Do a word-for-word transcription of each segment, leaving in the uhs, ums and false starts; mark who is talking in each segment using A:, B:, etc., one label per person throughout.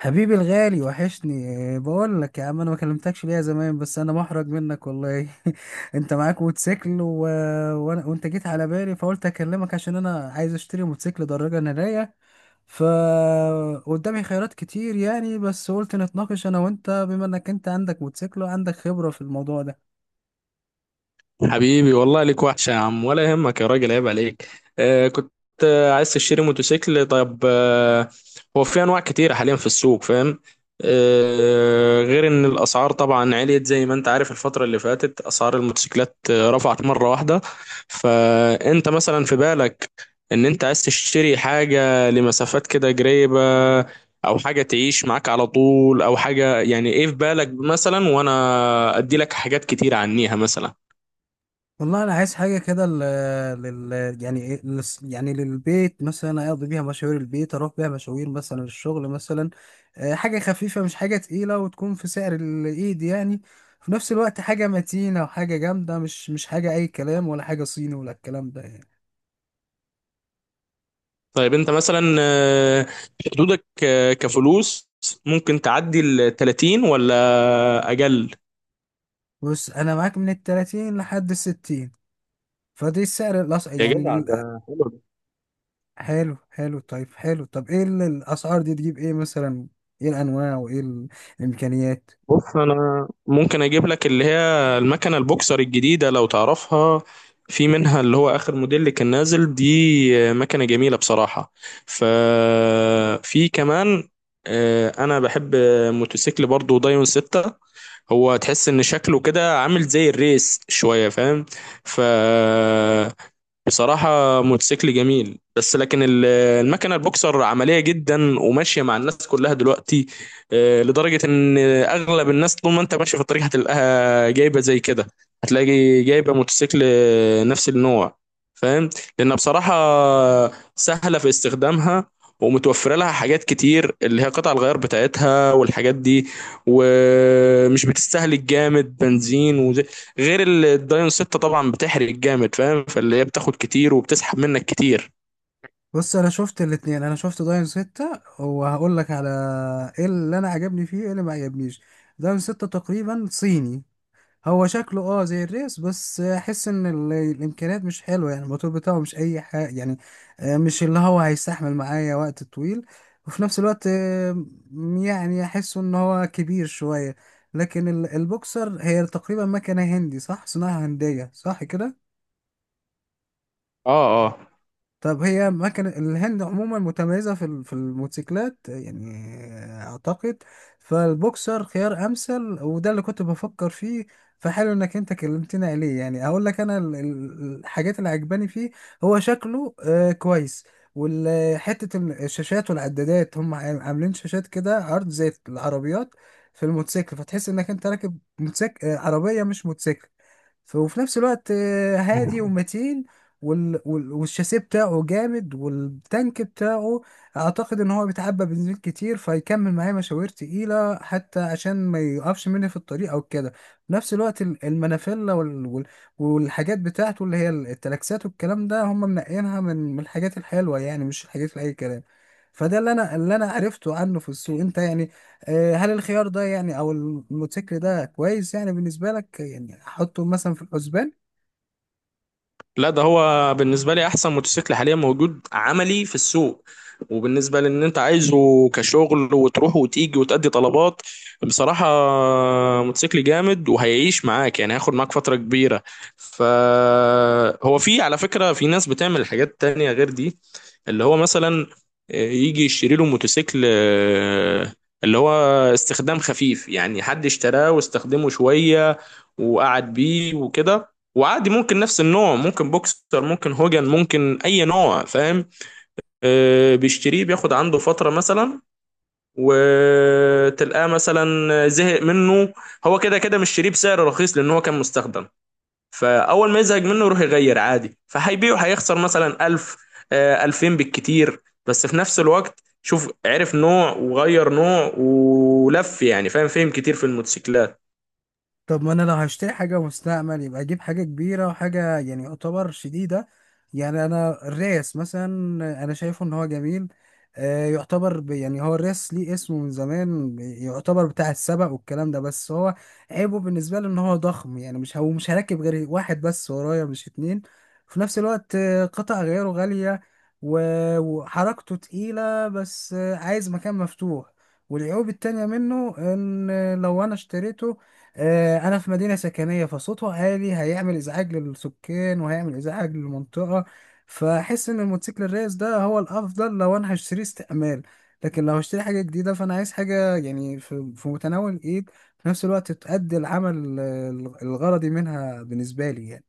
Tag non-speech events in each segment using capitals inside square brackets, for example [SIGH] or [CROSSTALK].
A: حبيبي الغالي وحشني. آه، بقول لك يا عم انا ما كلمتكش ليا زمان بس انا محرج منك والله. [LAUGHS] انت معاك موتوسيكل و... وانا وانت جيت على بالي فقلت اكلمك عشان انا عايز اشتري موتوسيكل دراجة نارية. ف قدامي خيارات كتير يعني، بس قلت نتناقش انا وانت بما انك انت عندك موتوسيكل وعندك خبرة في الموضوع ده.
B: حبيبي، والله ليك وحشة يا عم، ولا يهمك يا راجل، عيب عليك. آه كنت آه عايز تشتري موتوسيكل؟ طيب، آه هو في أنواع كتيرة حاليا في السوق، فاهم؟ آه غير إن الأسعار طبعا عليت، زي ما أنت عارف الفترة اللي فاتت أسعار الموتوسيكلات آه، رفعت مرة واحدة. فأنت مثلا في بالك إن أنت عايز تشتري حاجة لمسافات كده قريبة، أو حاجة تعيش معاك على طول، أو حاجة، يعني إيه في بالك مثلا، وأنا أدي لك حاجات كتيرة عنيها مثلا.
A: والله انا عايز حاجه كده لل... لل... يعني إيه- للس- يعني للبيت مثلا، اقضي بيها مشاوير البيت، اروح بيها مشاوير مثلا الشغل مثلا. آه، حاجه خفيفه مش حاجه تقيله، وتكون في سعر الايد يعني. في نفس الوقت حاجه متينه وحاجه جامده، مش مش حاجه اي كلام، ولا حاجه صيني ولا الكلام ده يعني.
B: طيب انت مثلا، آه، حدودك آه، كفلوس، ممكن تعدي ال تلاتين ولا اجل؟
A: بص انا معاك من التلاتين لحد الستين، فدي السعر الأس...
B: يا
A: يعني
B: جدع
A: ال-
B: ده حلو ده.
A: حلو حلو طيب حلو. طب ايه ال- الاسعار دي تجيب ايه مثلا؟ ايه الانواع وايه ال- الامكانيات؟
B: بص، انا ممكن اجيب لك اللي هي المكنه البوكسر الجديده لو تعرفها، في منها اللي هو اخر موديل اللي كان نازل دي. آه، مكنه جميله بصراحه. ففي كمان، آه، انا بحب موتوسيكل برضو دايون ستة. هو تحس ان شكله كده عامل زي الريس شويه، فاهم؟ ف بصراحة موتوسيكل جميل، بس لكن ال- المكنة البوكسر عملية جدا وماشية مع الناس كلها دلوقتي. آه، لدرجة ان اغلب الناس طول ما انت ماشي في الطريق هتلاقيها جايبة زي كده، هتلاقي جايبة موتوسيكل آه، نفس النوع، فاهم؟ لانها بصراحة سهلة في استخدامها، ومتوفرة لها حاجات كتير اللي هي قطع الغيار بتاعتها والحاجات دي، ومش بتستهلك جامد بنزين. غير ال- الدايون ستة طبعا بتحرق جامد، فاهم؟ فاللي هي بتاخد كتير وبتسحب منك كتير.
A: بص انا شفت الاتنين، انا شفت داين ستة وهقول لك على ايه اللي انا عجبني فيه ايه اللي ما عجبنيش. داين ستة تقريبا صيني، هو شكله اه زي الريس، بس احس ان ال- الامكانيات مش حلوه يعني، الموتور بتاعه مش اي حاجه يعني. آه، مش اللي هو هيستحمل معايا وقت طويل، وفي نفس الوقت آه، يعني احسه ان هو كبير شويه. لكن ال- البوكسر هي تقريبا مكنه هندي، صح؟ صناعه هنديه، صح كده.
B: اه، اه.
A: طب هي ما كان الهند عموما متميزة في ال- في الموتوسيكلات يعني، أعتقد. فالبوكسر خيار أمثل، وده اللي كنت بفكر فيه. فحلو إنك أنت كلمتني عليه، يعني أقول لك أنا ال- ال- الحاجات اللي عجباني فيه. هو شكله آه، كويس، وحتة الشاشات والعدادات هم عام- عاملين شاشات كده عرض زي العربيات في الموتوسيكل، فتحس إنك أنت راكب موتوسيكل آه، عربية مش موتوسيكل. ف- وفي نفس الوقت آه، هادي ومتين، وال... وال... والشاسيه بتاعه جامد، والتانك بتاعه اعتقد ان هو بيتعبى بنزين كتير فيكمل معايا مشاوير تقيله، حتى عشان ما يقفش مني في الطريق او كده. في نفس الوقت ال- المنافيلا وال... وال... والحاجات بتاعته اللي هي التلاكسات والكلام ده، هم منقينها من من الحاجات الحلوه يعني، مش الحاجات لاي كلام. فده اللي انا اللي انا عرفته عنه في السوق، انت يعني، آه، هل الخيار ده يعني، او الموتوسيكل ده كويس يعني بالنسبه لك، يعني احطه مثلا في الحسبان؟
B: لا ده هو بالنسبة لي أحسن موتوسيكل حاليا موجود عملي في السوق، وبالنسبة لأن أنت عايزه كشغل وتروح وتيجي وتأدي طلبات، بصراحة موتوسيكل جامد وهيعيش معاك، يعني هياخد معاك فترة كبيرة. فهو في، على فكرة، في ناس بتعمل حاجات تانية غير دي، اللي هو مثلا آه، يجي يشتري له موتوسيكل، آه، اللي هو استخدام خفيف، يعني حد اشتراه واستخدمه شوية وقعد بيه وكده، وعادي ممكن نفس النوع، ممكن بوكسر، ممكن هوجن، ممكن اي نوع، فاهم؟ آه بيشتريه، بياخد عنده فتره مثلا، وتلقاه مثلا زهق منه. هو كده كده مشتريه بسعر رخيص لان هو كان مستخدم، فاول ما يزهق منه يروح يغير عادي، فهيبيعه هيخسر مثلا ألف، آه ألفين بالكتير، بس في نفس الوقت شوف، عرف نوع وغير نوع ولف، يعني فاهم، فهم كتير في الموتوسيكلات.
A: طب ما انا لو هشتري حاجة مستعمل يبقى اجيب حاجة كبيرة وحاجة يعني يعتبر شديدة. يعني انا الريس مثلا، انا شايفه ان هو جميل. آه، يعتبر ب- يعني هو الريس ليه اسمه من زمان، يعتبر بتاع السبق والكلام ده، بس هو عيبه بالنسبة لي ان هو ضخم، يعني مش هو مش هركب غير واحد بس ورايا، مش اتنين. في نفس الوقت آه، قطع غيره غالية، و- وحركته تقيلة، بس آه، عايز مكان مفتوح. والعيوب التانية منه ان لو انا اشتريته، آه، انا في مدينه سكنيه، فصوته عالي، هيعمل ازعاج للسكان وهيعمل ازعاج للمنطقه. فاحس ان الموتوسيكل الريس ده هو الافضل لو انا هشتري استعمال، لكن لو هشتري حاجه جديده فانا عايز حاجه يعني في في متناول الايد، في نفس الوقت تؤدي العمل آه، الغرضي منها بالنسبه لي يعني.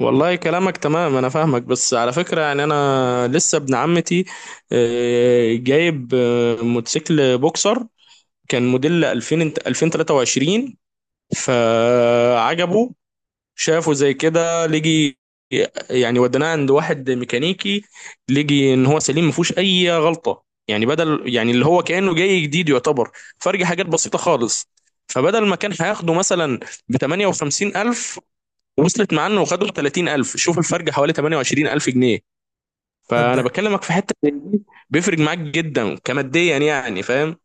B: والله كلامك تمام، انا فاهمك، بس على فكرة يعني انا لسه ابن عمتي آه، جايب آه، موتوسيكل بوكسر، كان موديل ألفين انت- ألفين وتلاتة وعشرين. فعجبه شافه زي كده، لجي يعني وديناه عند واحد ميكانيكي، لجي ان هو سليم ما فيهوش اي غلطة، يعني بدل يعني اللي هو كأنه جاي جديد يعتبر، فرق حاجات بسيطة خالص. فبدل ما كان هياخده مثلا ب تمانية وخمسين ألف، وصلت معانا وخدوا تلاتين ألف، شوف الفرق حوالي تمانية وعشرين ألف جنيه.
A: طب
B: فانا
A: ده
B: بكلمك في حته زي دي بيفرق معاك جدا كماديا، يعني فاهم؟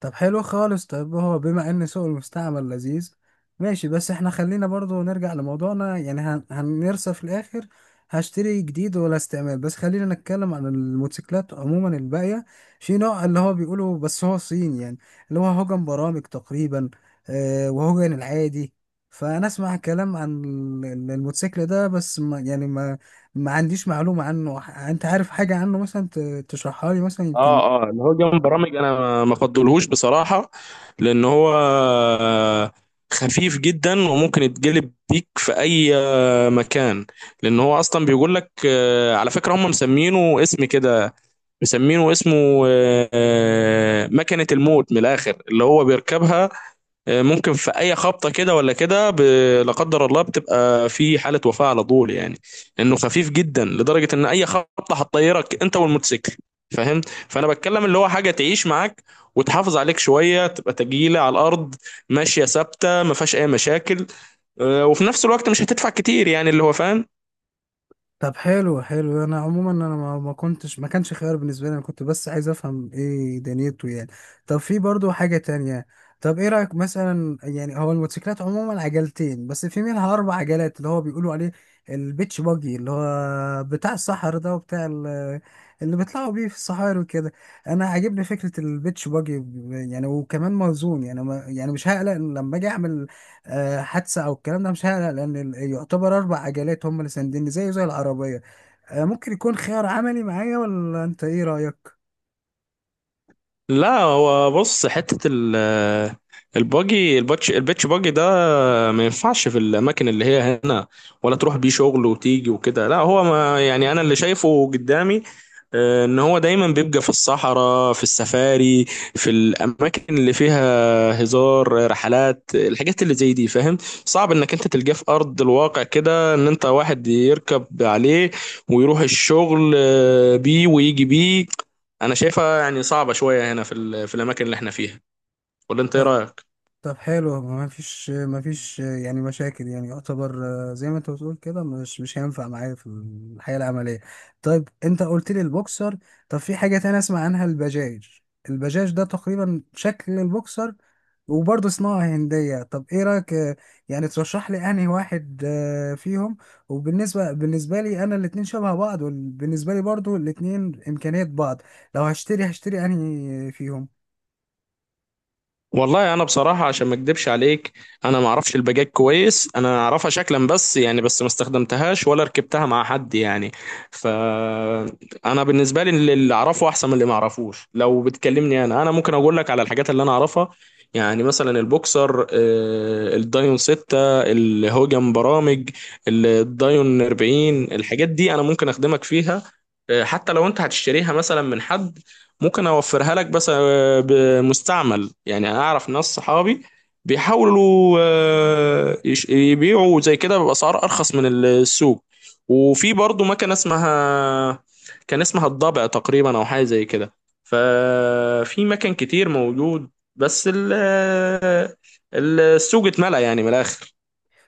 A: طب حلو خالص. طب هو بما ان سوق المستعمل لذيذ، ماشي، بس احنا خلينا برضو نرجع لموضوعنا يعني، هن- هنرسى في الاخر هشتري جديد ولا استعمال. بس خلينا نتكلم عن الموتوسيكلات عموما الباقية. في نوع اللي هو بيقولوا بس هو صين يعني، اللي هو هوجن برامج تقريبا، آه، وهوجن العادي. فانا اسمع كلام عن ال- ال- الموتوسيكل ده، بس ما يعني ما ما عنديش معلومة عنه. ح- انت عارف حاجة عنه مثلا ت- تشرحها لي مثلا يمكن؟
B: اه، اه. اللي هو جنب برامج انا ما ما افضلهوش بصراحه، لان هو خفيف جدا وممكن يتجلب بيك في اي آه، مكان، لان هو اصلا بيقول لك، آه، على فكره هم مسمينه اسم كده، مسمينه اسمه آه، آه، مكنه الموت من الاخر، اللي هو بيركبها آه، ممكن في اي خبطه كده ولا كده، ب- لا قدر الله بتبقى في حاله وفاه على طول يعني، لانه خفيف جدا لدرجه ان اي خبطه هتطيرك انت والموتوسيكل، فاهم؟ فانا بتكلم اللي هو حاجه تعيش معاك وتحافظ عليك شويه، تبقى تجيله على الارض ماشيه ثابته ما فيهاش اي مشاكل، آه، وفي نفس الوقت مش هتدفع كتير، يعني اللي هو فاهم.
A: طب حلو حلو، انا عموما انا ما ما كنتش ما كانش خيار بالنسبه لي، انا كنت بس عايز افهم ايه دنيته يعني. طب في برضو حاجه تانية، طب ايه رايك مثلا؟ يعني هو الموتوسيكلات عموما عجلتين، بس في منها اربع عجلات اللي هو بيقولوا عليه البيتش باجي، اللي هو بتاع الصحر ده وبتاع ال- اللي بيطلعوا بيه في الصحاري وكده. انا عاجبني فكره البيتش باجي، يعني وكمان موزون، يعني ما يعني مش هقلق لما اجي اعمل آه، حادثه او الكلام ده، مش هقلق لان ال- يعتبر اربع عجلات هم اللي سانديني، زيه زي العربيه. آه، ممكن يكون خيار عملي معايا، ولا انت ايه رايك؟
B: لا هو بص، حتة ال الباجي الباتش الباتش باجي ده ما ينفعش في الأماكن اللي هي هنا، ولا تروح بيه شغل وتيجي وكده. لا هو، ما يعني أنا اللي شايفه قدامي آه، ان هو دايما بيبقى في الصحراء، في السفاري، في الاماكن اللي فيها هزار رحلات الحاجات اللي زي دي، فاهم؟ صعب انك انت تلقاه في ارض الواقع كده، ان انت واحد يركب عليه ويروح الشغل آه، بيه ويجي بيه. انا شايفها يعني صعبة شوية هنا في ال- في الاماكن اللي احنا فيها، ولا انت ايه
A: آه،
B: رايك؟
A: طب حلو، ما فيش ما فيش يعني مشاكل، يعني يعتبر آه، زي ما انت بتقول كده، مش مش هينفع معايا في الحياة العملية. طيب انت قلت لي البوكسر، طب في حاجة تانية اسمع عنها، البجاج. البجاج ده تقريبا شكل البوكسر، وبرضه صناعة هندية. طب ايه رأيك، آه، يعني ترشح لي انهي واحد آه، فيهم؟ وبالنسبة بالنسبة لي انا الاتنين شبه بعض، وبالنسبة لي برضه الاتنين امكانيات بعض، لو هشتري هشتري انهي فيهم؟
B: والله انا بصراحه عشان ما اكدبش عليك، انا ما اعرفش الباجات كويس، انا اعرفها شكلا بس يعني، بس ما استخدمتهاش ولا ركبتها مع حد يعني. ف انا بالنسبه لي اللي اعرفه احسن من اللي ما اعرفوش، لو بتكلمني انا انا ممكن اقول لك على الحاجات اللي انا اعرفها. يعني مثلا البوكسر، آه، الدايون ستة، الهوجن برامج، الدايون أربعين، الحاجات دي انا ممكن اخدمك فيها. آه، حتى لو انت هتشتريها مثلا من حد ممكن اوفرها لك، بس آه، بمستعمل، يعني انا اعرف ناس صحابي بيحاولوا، آه، يش- يبيعوا زي كده باسعار ارخص من السوق. وفي برضو مكنه اسمها، كان اسمها الضبع تقريبا او حاجه زي كده، ففي مكان كتير موجود، بس ال- آه، السوق اتملى يعني من الاخر.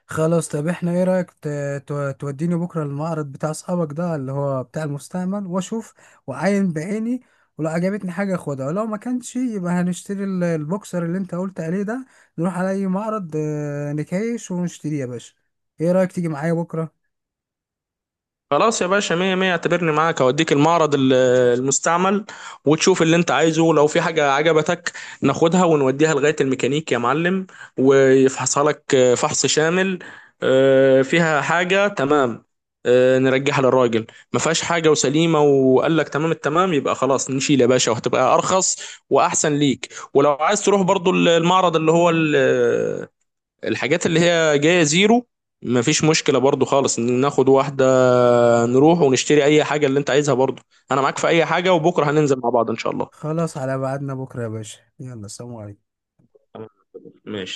A: خلاص، طب احنا ايه رأيك ت- ت- توديني بكرة المعرض بتاع اصحابك ده، اللي هو بتاع المستعمل، واشوف واعاين بعيني. ولو عجبتني حاجة اخدها، ولو ما كانش يبقى هنشتري ال- البوكسر اللي انت قلت عليه ده، نروح على اي معرض آه، نكايش ونشتريه يا باشا. ايه رأيك تيجي معايا بكرة؟
B: خلاص يا باشا، مية مية، اعتبرني معاك اوديك المعرض ال- المستعمل، وتشوف اللي انت عايزه، لو في حاجة عجبتك ناخدها ونوديها لغاية الميكانيك يا معلم، ويفحصها لك آه، فحص شامل، آه، فيها حاجة تمام، آه، نرجعها للراجل. ما فيهاش حاجة وسليمة وقال لك تمام التمام، يبقى خلاص نشيل يا باشا، وهتبقى ارخص واحسن ليك. ولو عايز تروح برضو المعرض اللي هو الحاجات اللي هي جاية زيرو، مفيش مشكلة برضو خالص إن ناخد واحدة، نروح ونشتري أي حاجة اللي أنت عايزها برضو. أنا معاك في أي حاجة، وبكرة هننزل مع بعض إن شاء الله.
A: خلاص، على بعدنا بكرة يا باشا، يلا سلام عليكم.
B: ماشي.